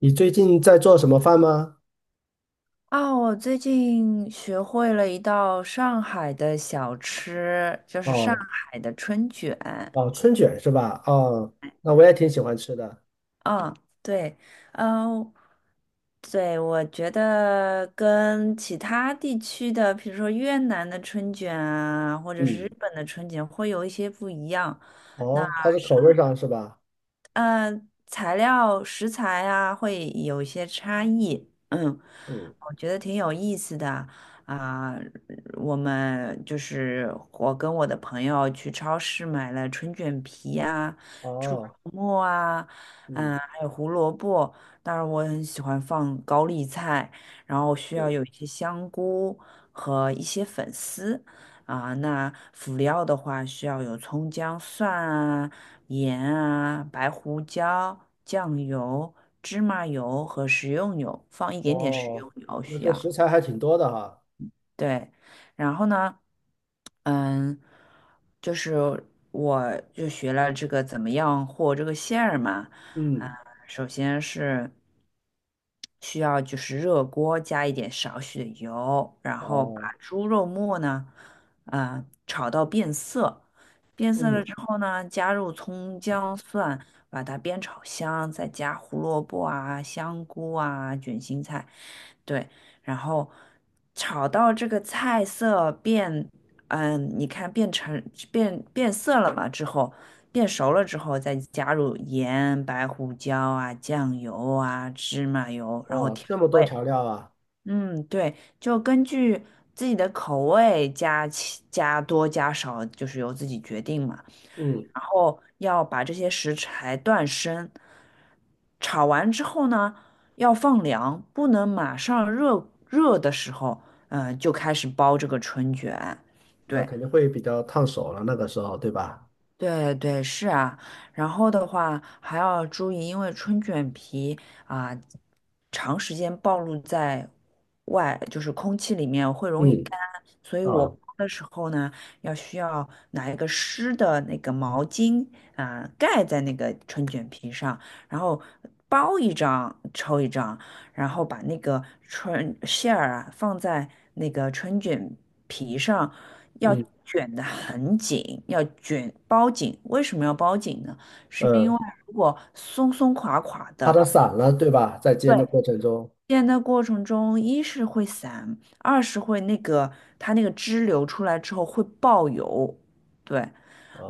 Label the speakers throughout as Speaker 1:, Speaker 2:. Speaker 1: 你最近在做什么饭吗？
Speaker 2: 啊，我最近学会了一道上海的小吃，就是上
Speaker 1: 哦
Speaker 2: 海的春卷。
Speaker 1: 哦，春卷是吧？哦，那我也挺喜欢吃的。
Speaker 2: 嗯，对，嗯，对，我觉得跟其他地区的，比如说越南的春卷啊，或者是日
Speaker 1: 嗯，
Speaker 2: 本的春卷，会有一些不一样。
Speaker 1: 哦，它是口味上是吧？
Speaker 2: 嗯、材料食材啊会有一些差异，嗯，
Speaker 1: 嗯，
Speaker 2: 我觉得挺有意思的啊、我们就是我跟我的朋友去超市买了春卷皮啊、猪肉
Speaker 1: 哦，
Speaker 2: 末啊，
Speaker 1: 嗯，
Speaker 2: 嗯、还有胡萝卜。当然，我很喜欢放高丽菜，然后需要
Speaker 1: 嗯，
Speaker 2: 有一些香菇和一些粉丝。啊，那辅料的话需要有葱姜蒜啊、盐啊、白胡椒、酱油、芝麻油和食用油，放一点点食
Speaker 1: 哦，
Speaker 2: 用油
Speaker 1: 那
Speaker 2: 需
Speaker 1: 这
Speaker 2: 要。
Speaker 1: 食材还挺多的哈。
Speaker 2: 对，然后呢，嗯，就是我就学了这个怎么样和这个馅儿嘛，啊，
Speaker 1: 嗯，
Speaker 2: 首先是需要就是热锅加一点少许的油，然后
Speaker 1: 哦，
Speaker 2: 把猪肉末呢，啊，炒到变色，变色了
Speaker 1: 嗯，
Speaker 2: 之后呢，加入葱姜蒜，把它煸炒香，再加胡萝卜啊、香菇啊、卷心菜。对，然后炒到这个菜色变，嗯，你看变成变色了嘛之后，变熟了之后，再加入盐、白胡椒啊、酱油啊、芝麻油，然后
Speaker 1: 哦，
Speaker 2: 调
Speaker 1: 这么多
Speaker 2: 味。
Speaker 1: 调料啊。
Speaker 2: 嗯，对，就根据自己的口味加多加少，就是由自己决定嘛。
Speaker 1: 嗯，
Speaker 2: 然后要把这些食材断生。炒完之后呢，要放凉，不能马上热热的时候，就开始包这个春卷。
Speaker 1: 那
Speaker 2: 对，
Speaker 1: 肯定会比较烫手了，那个时候对吧？
Speaker 2: 对对，是啊，然后的话还要注意，因为春卷皮啊，长时间暴露在外，就是空气里面会容易
Speaker 1: 嗯，
Speaker 2: 干，所以我包
Speaker 1: 哦，
Speaker 2: 的时候呢，需要拿一个湿的那个毛巾啊，盖在那个春卷皮上，然后包一张抽一张，然后把那个春馅儿啊放在那个春卷皮上，要
Speaker 1: 嗯
Speaker 2: 卷得很紧，要卷包紧。为什么要包紧呢？是因为
Speaker 1: 嗯，
Speaker 2: 如果松松垮垮
Speaker 1: 怕
Speaker 2: 的，
Speaker 1: 它散了对吧？在煎
Speaker 2: 对，
Speaker 1: 的过程中，
Speaker 2: 煎的过程中，一是会散，二是会那个它那个汁流出来之后会爆油，对，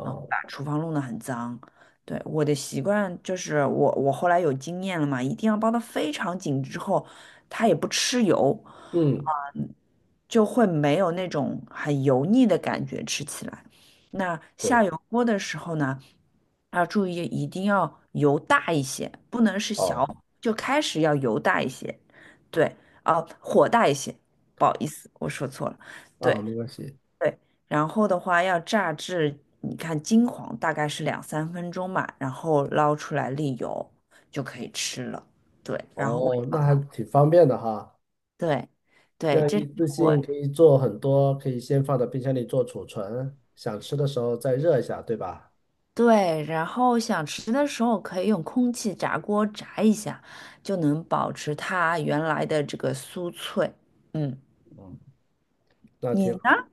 Speaker 2: 啊，把厨房弄得很脏。对，我的习惯就是我后来有经验了嘛，一定要包得非常紧之后，它也不吃油，
Speaker 1: 嗯，
Speaker 2: 嗯就会没有那种很油腻的感觉吃起来。那下
Speaker 1: 对，
Speaker 2: 油锅的时候呢，要注意一定要油大一些，不能是小，
Speaker 1: 哦，
Speaker 2: 就开始要油大一些。对，啊，火大一些，不好意思，我说错了。
Speaker 1: 啊，
Speaker 2: 对
Speaker 1: 没关系。
Speaker 2: 对，然后的话要炸至，你看金黄，大概是两三分钟吧，然后捞出来沥油就可以吃了。对，然后味
Speaker 1: 哦，
Speaker 2: 道，
Speaker 1: 那还挺方便的哈。
Speaker 2: 对
Speaker 1: 这
Speaker 2: 对，
Speaker 1: 样
Speaker 2: 这
Speaker 1: 一
Speaker 2: 是
Speaker 1: 次
Speaker 2: 我
Speaker 1: 性可以做很多，可以先放到冰箱里做储存，想吃的时候再热一下，对吧？
Speaker 2: 对，然后想吃的时候可以用空气炸锅炸一下，就能保持它原来的这个酥脆。嗯，
Speaker 1: 嗯，那
Speaker 2: 你
Speaker 1: 挺好。
Speaker 2: 呢？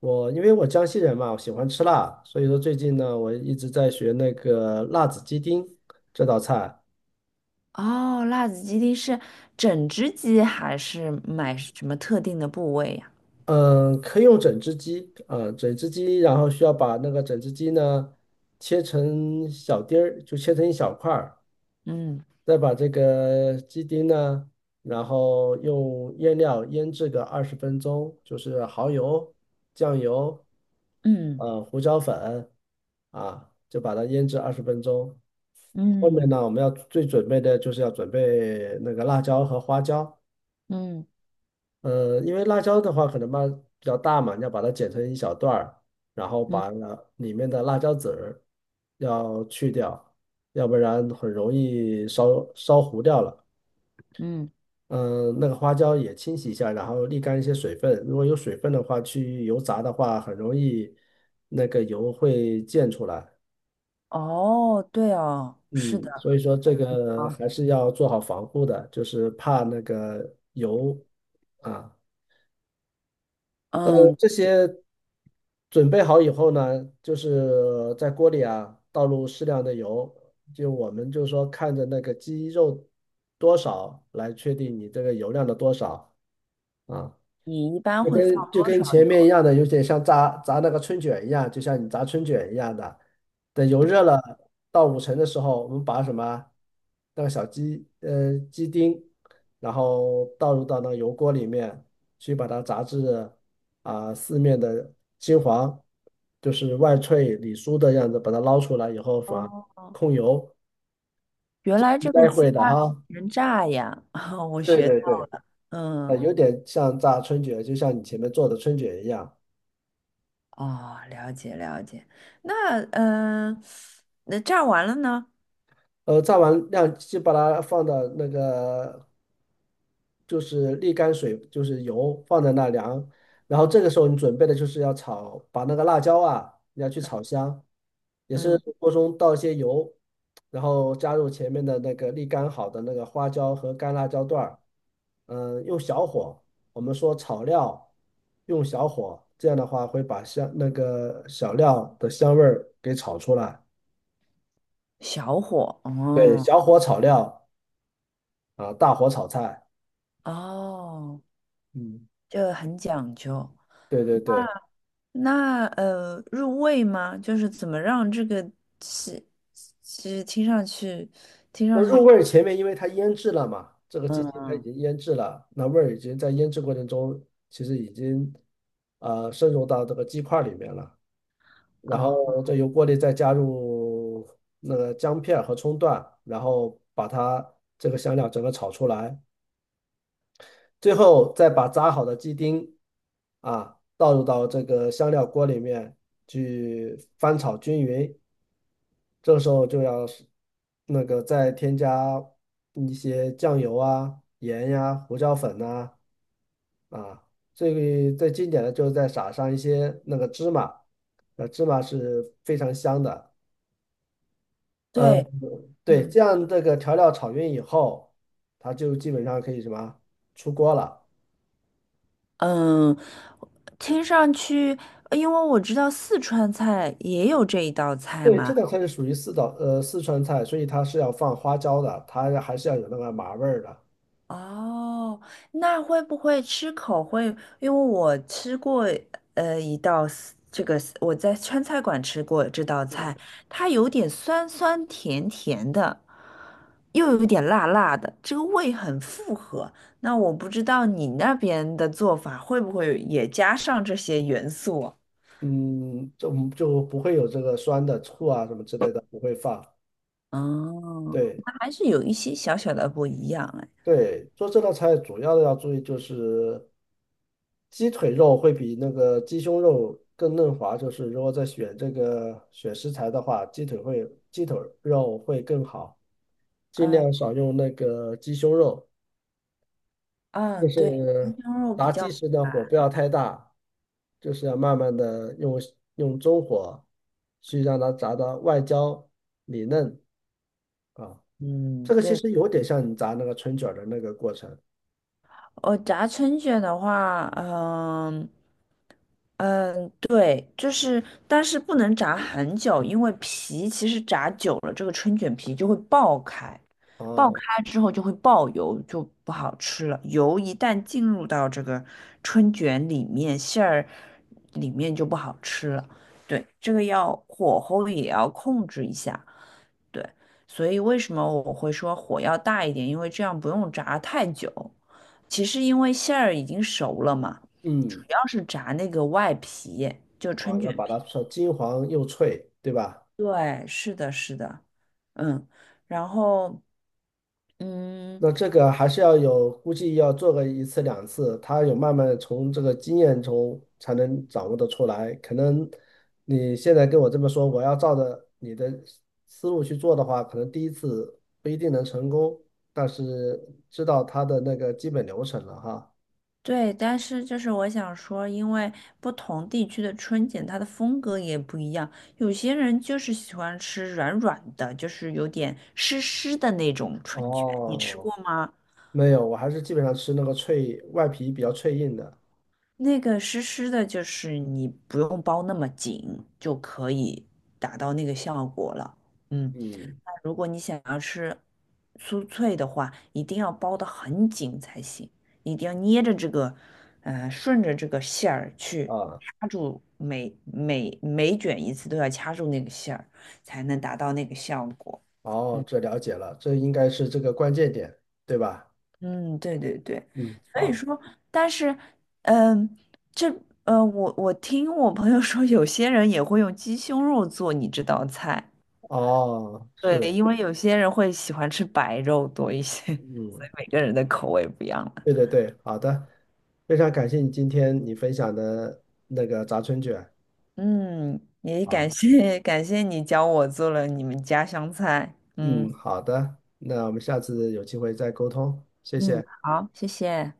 Speaker 1: 我因为我江西人嘛，我喜欢吃辣，所以说最近呢，我一直在学那个辣子鸡丁这道菜。
Speaker 2: 哦，辣子鸡丁是整只鸡还是买什么特定的部位呀？
Speaker 1: 嗯，可以用整只鸡，嗯，整只鸡，然后需要把那个整只鸡呢切成小丁儿，就切成一小块儿，
Speaker 2: 嗯
Speaker 1: 再把这个鸡丁呢，然后用腌料腌制个二十分钟，就是蚝油、酱油、
Speaker 2: 嗯
Speaker 1: 胡椒粉啊，就把它腌制二十分钟。后面
Speaker 2: 嗯
Speaker 1: 呢，我们要最准备的就是要准备那个辣椒和花椒。
Speaker 2: 嗯
Speaker 1: 呃，因为辣椒的话可能嘛比较大嘛，你要把它剪成一小段儿，然后
Speaker 2: 嗯
Speaker 1: 把那里面的辣椒籽儿要去掉，要不然很容易烧糊掉了。
Speaker 2: 嗯，
Speaker 1: 嗯，那个花椒也清洗一下，然后沥干一些水分。如果有水分的话，去油炸的话，很容易那个油会溅出来。
Speaker 2: 哦，对哦，是
Speaker 1: 嗯，
Speaker 2: 的
Speaker 1: 所以说这个
Speaker 2: 啊，
Speaker 1: 还是要做好防护的，就是怕那个油啊。那么
Speaker 2: 嗯，
Speaker 1: 这些准备好以后呢，就是在锅里啊倒入适量的油，就我们就是说看着那个鸡肉多少来确定你这个油量的多少啊。
Speaker 2: 你一般
Speaker 1: 就
Speaker 2: 会放
Speaker 1: 跟就
Speaker 2: 多
Speaker 1: 跟
Speaker 2: 少
Speaker 1: 前面
Speaker 2: 油
Speaker 1: 一样的，有点像炸那个春卷一样，就像你炸春卷一样的。等油热了到五成的时候，我们把什么那个鸡丁，然后倒入到那个油锅里面去，把它炸至啊、四面的金黄，就是外脆里酥的样子，把它捞出来以后
Speaker 2: 啊？
Speaker 1: 放
Speaker 2: 哦，
Speaker 1: 控油，
Speaker 2: 原来
Speaker 1: 应
Speaker 2: 这个
Speaker 1: 该
Speaker 2: 鸡
Speaker 1: 会的
Speaker 2: 它
Speaker 1: 哈。
Speaker 2: 能炸呀，我
Speaker 1: 对
Speaker 2: 学
Speaker 1: 对
Speaker 2: 到，
Speaker 1: 对，呃，
Speaker 2: 嗯，
Speaker 1: 有点像炸春卷，就像你前面做的春卷一样。
Speaker 2: 哦，了解了解，那嗯，呃那炸完了呢？
Speaker 1: 呃，炸完晾，就把它放到那个就是沥干水，就是油放在那凉。然后
Speaker 2: 嗯
Speaker 1: 这个时候你准备的就是要炒，把那个辣椒啊，你要去炒香，也是
Speaker 2: 嗯，
Speaker 1: 锅中倒一些油，然后加入前面的那个沥干好的那个花椒和干辣椒段儿，嗯，用小火，我们说炒料用小火，这样的话会把香那个小料的香味儿给炒出来。
Speaker 2: 小火，
Speaker 1: 对，
Speaker 2: 哦
Speaker 1: 小火炒料啊，大火炒菜。
Speaker 2: 哦。
Speaker 1: 嗯，
Speaker 2: 这很讲究。
Speaker 1: 对对对，
Speaker 2: 那入味吗？就是怎么让这个其其实听上去听
Speaker 1: 那
Speaker 2: 上
Speaker 1: 入
Speaker 2: 去，
Speaker 1: 味儿前面因为它腌制了嘛，这个鸡
Speaker 2: 嗯
Speaker 1: 精它已
Speaker 2: 嗯
Speaker 1: 经腌制了，那味儿已经在腌制过程中其实已经渗入到这个鸡块儿里面了，然
Speaker 2: 啊，
Speaker 1: 后再由锅里再加入那个姜片儿和葱段，然后把它这个香料整个炒出来，最后再把炸好的鸡丁啊倒入到这个香料锅里面去翻炒均匀，这个时候就要是那个再添加一些酱油啊、盐呀、胡椒粉呐啊，最最经典的就是再撒上一些那个芝麻，呃，芝麻是非常香的。呃，
Speaker 2: 对，
Speaker 1: 对，
Speaker 2: 嗯
Speaker 1: 这样这个调料炒匀以后，它就基本上可以什么出锅了。
Speaker 2: 嗯，听上去，因为我知道四川菜也有这一道菜
Speaker 1: 对，这
Speaker 2: 嘛。
Speaker 1: 道菜是属于四川菜，所以它是要放花椒的，它还是要有那个麻味儿的。
Speaker 2: 哦，那会不会吃口会？因为我吃过呃一道 s- 这个 s- 我在川菜馆吃过这道菜，它有点酸酸甜甜的，又有点辣辣的，这个味很复合。那我不知道你那边的做法会不会也加上这些元素啊？
Speaker 1: 嗯，就就不会有这个酸的醋啊什么之类的，不会放。
Speaker 2: 哦，
Speaker 1: 对
Speaker 2: 那还是有一些小小的不一样哎。
Speaker 1: 对，做这道菜主要的要注意就是鸡腿肉会比那个鸡胸肉更嫩滑，就是如果在选这个选食材的话，鸡腿肉会更好，尽
Speaker 2: 嗯
Speaker 1: 量少用那个鸡胸肉。就
Speaker 2: 嗯，对，
Speaker 1: 是
Speaker 2: 鸡胸肉比
Speaker 1: 炸
Speaker 2: 较
Speaker 1: 鸡时呢，
Speaker 2: 辣，
Speaker 1: 火不要太大，就是要慢慢的用中火去让它炸到外焦里嫩啊。
Speaker 2: 嗯，
Speaker 1: 这个其
Speaker 2: 对。
Speaker 1: 实有点像你炸那个春卷儿的那个过程
Speaker 2: 哦，炸春卷的话，嗯嗯，对，就是，但是不能炸很久，因为皮其实炸久了，这个春卷皮就会爆开，
Speaker 1: 啊。
Speaker 2: 爆
Speaker 1: 哦
Speaker 2: 开之后就会爆油，就不好吃了。油一旦进入到这个春卷里面，馅儿里面就不好吃了。对，这个要火候也要控制一下。对，所以为什么我会说火要大一点？因为这样不用炸太久。其实因为馅儿已经熟了嘛，主
Speaker 1: 嗯，
Speaker 2: 要是炸那个外皮，就
Speaker 1: 啊，
Speaker 2: 春
Speaker 1: 要
Speaker 2: 卷
Speaker 1: 把
Speaker 2: 皮。
Speaker 1: 它炒金黄又脆，对吧？
Speaker 2: 对，是的，是的，嗯，然后嗯，
Speaker 1: 那这个还是要有，估计要做个一次两次，他有慢慢地从这个经验中才能掌握得出来。可能你现在跟我这么说，我要照着你的思路去做的话，可能第一次不一定能成功，但是知道它的那个基本流程了哈。
Speaker 2: 对，但是就是我想说，因为不同地区的春卷它的风格也不一样，有些人就是喜欢吃软软的，就是有点湿湿的那种春卷，你吃
Speaker 1: 哦，
Speaker 2: 过吗？
Speaker 1: 没有，我还是基本上吃那个脆，外皮比较脆硬的。
Speaker 2: 那个湿湿的，就是你不用包那么紧就可以达到那个效果了。嗯，
Speaker 1: 嗯，
Speaker 2: 那如果你想要吃酥脆的话，一定要包得很紧才行，一定要捏着这个，顺着这个馅儿去
Speaker 1: 啊。
Speaker 2: 掐住每卷一次都要掐住那个馅儿，才能达到那个效果。
Speaker 1: 哦，这了解了，这应该是这个关键点，对吧？
Speaker 2: 嗯，对对对，
Speaker 1: 嗯，
Speaker 2: 所以
Speaker 1: 好，
Speaker 2: 说，但是，嗯，这，我听我朋友说，有些人也会用鸡胸肉做你这道菜，
Speaker 1: 哦，
Speaker 2: 对，
Speaker 1: 是，
Speaker 2: 因为有些人会喜欢吃白肉多一些，所
Speaker 1: 嗯，
Speaker 2: 以每个人的口味不一样了。
Speaker 1: 对对对，好的，非常感谢你今天你分享的那个炸春卷。
Speaker 2: 嗯，也感
Speaker 1: 好，
Speaker 2: 谢感谢你教我做了你们家乡菜，
Speaker 1: 嗯，
Speaker 2: 嗯
Speaker 1: 好的，那我们下次有机会再沟通，谢
Speaker 2: 嗯，
Speaker 1: 谢。
Speaker 2: 好，谢谢。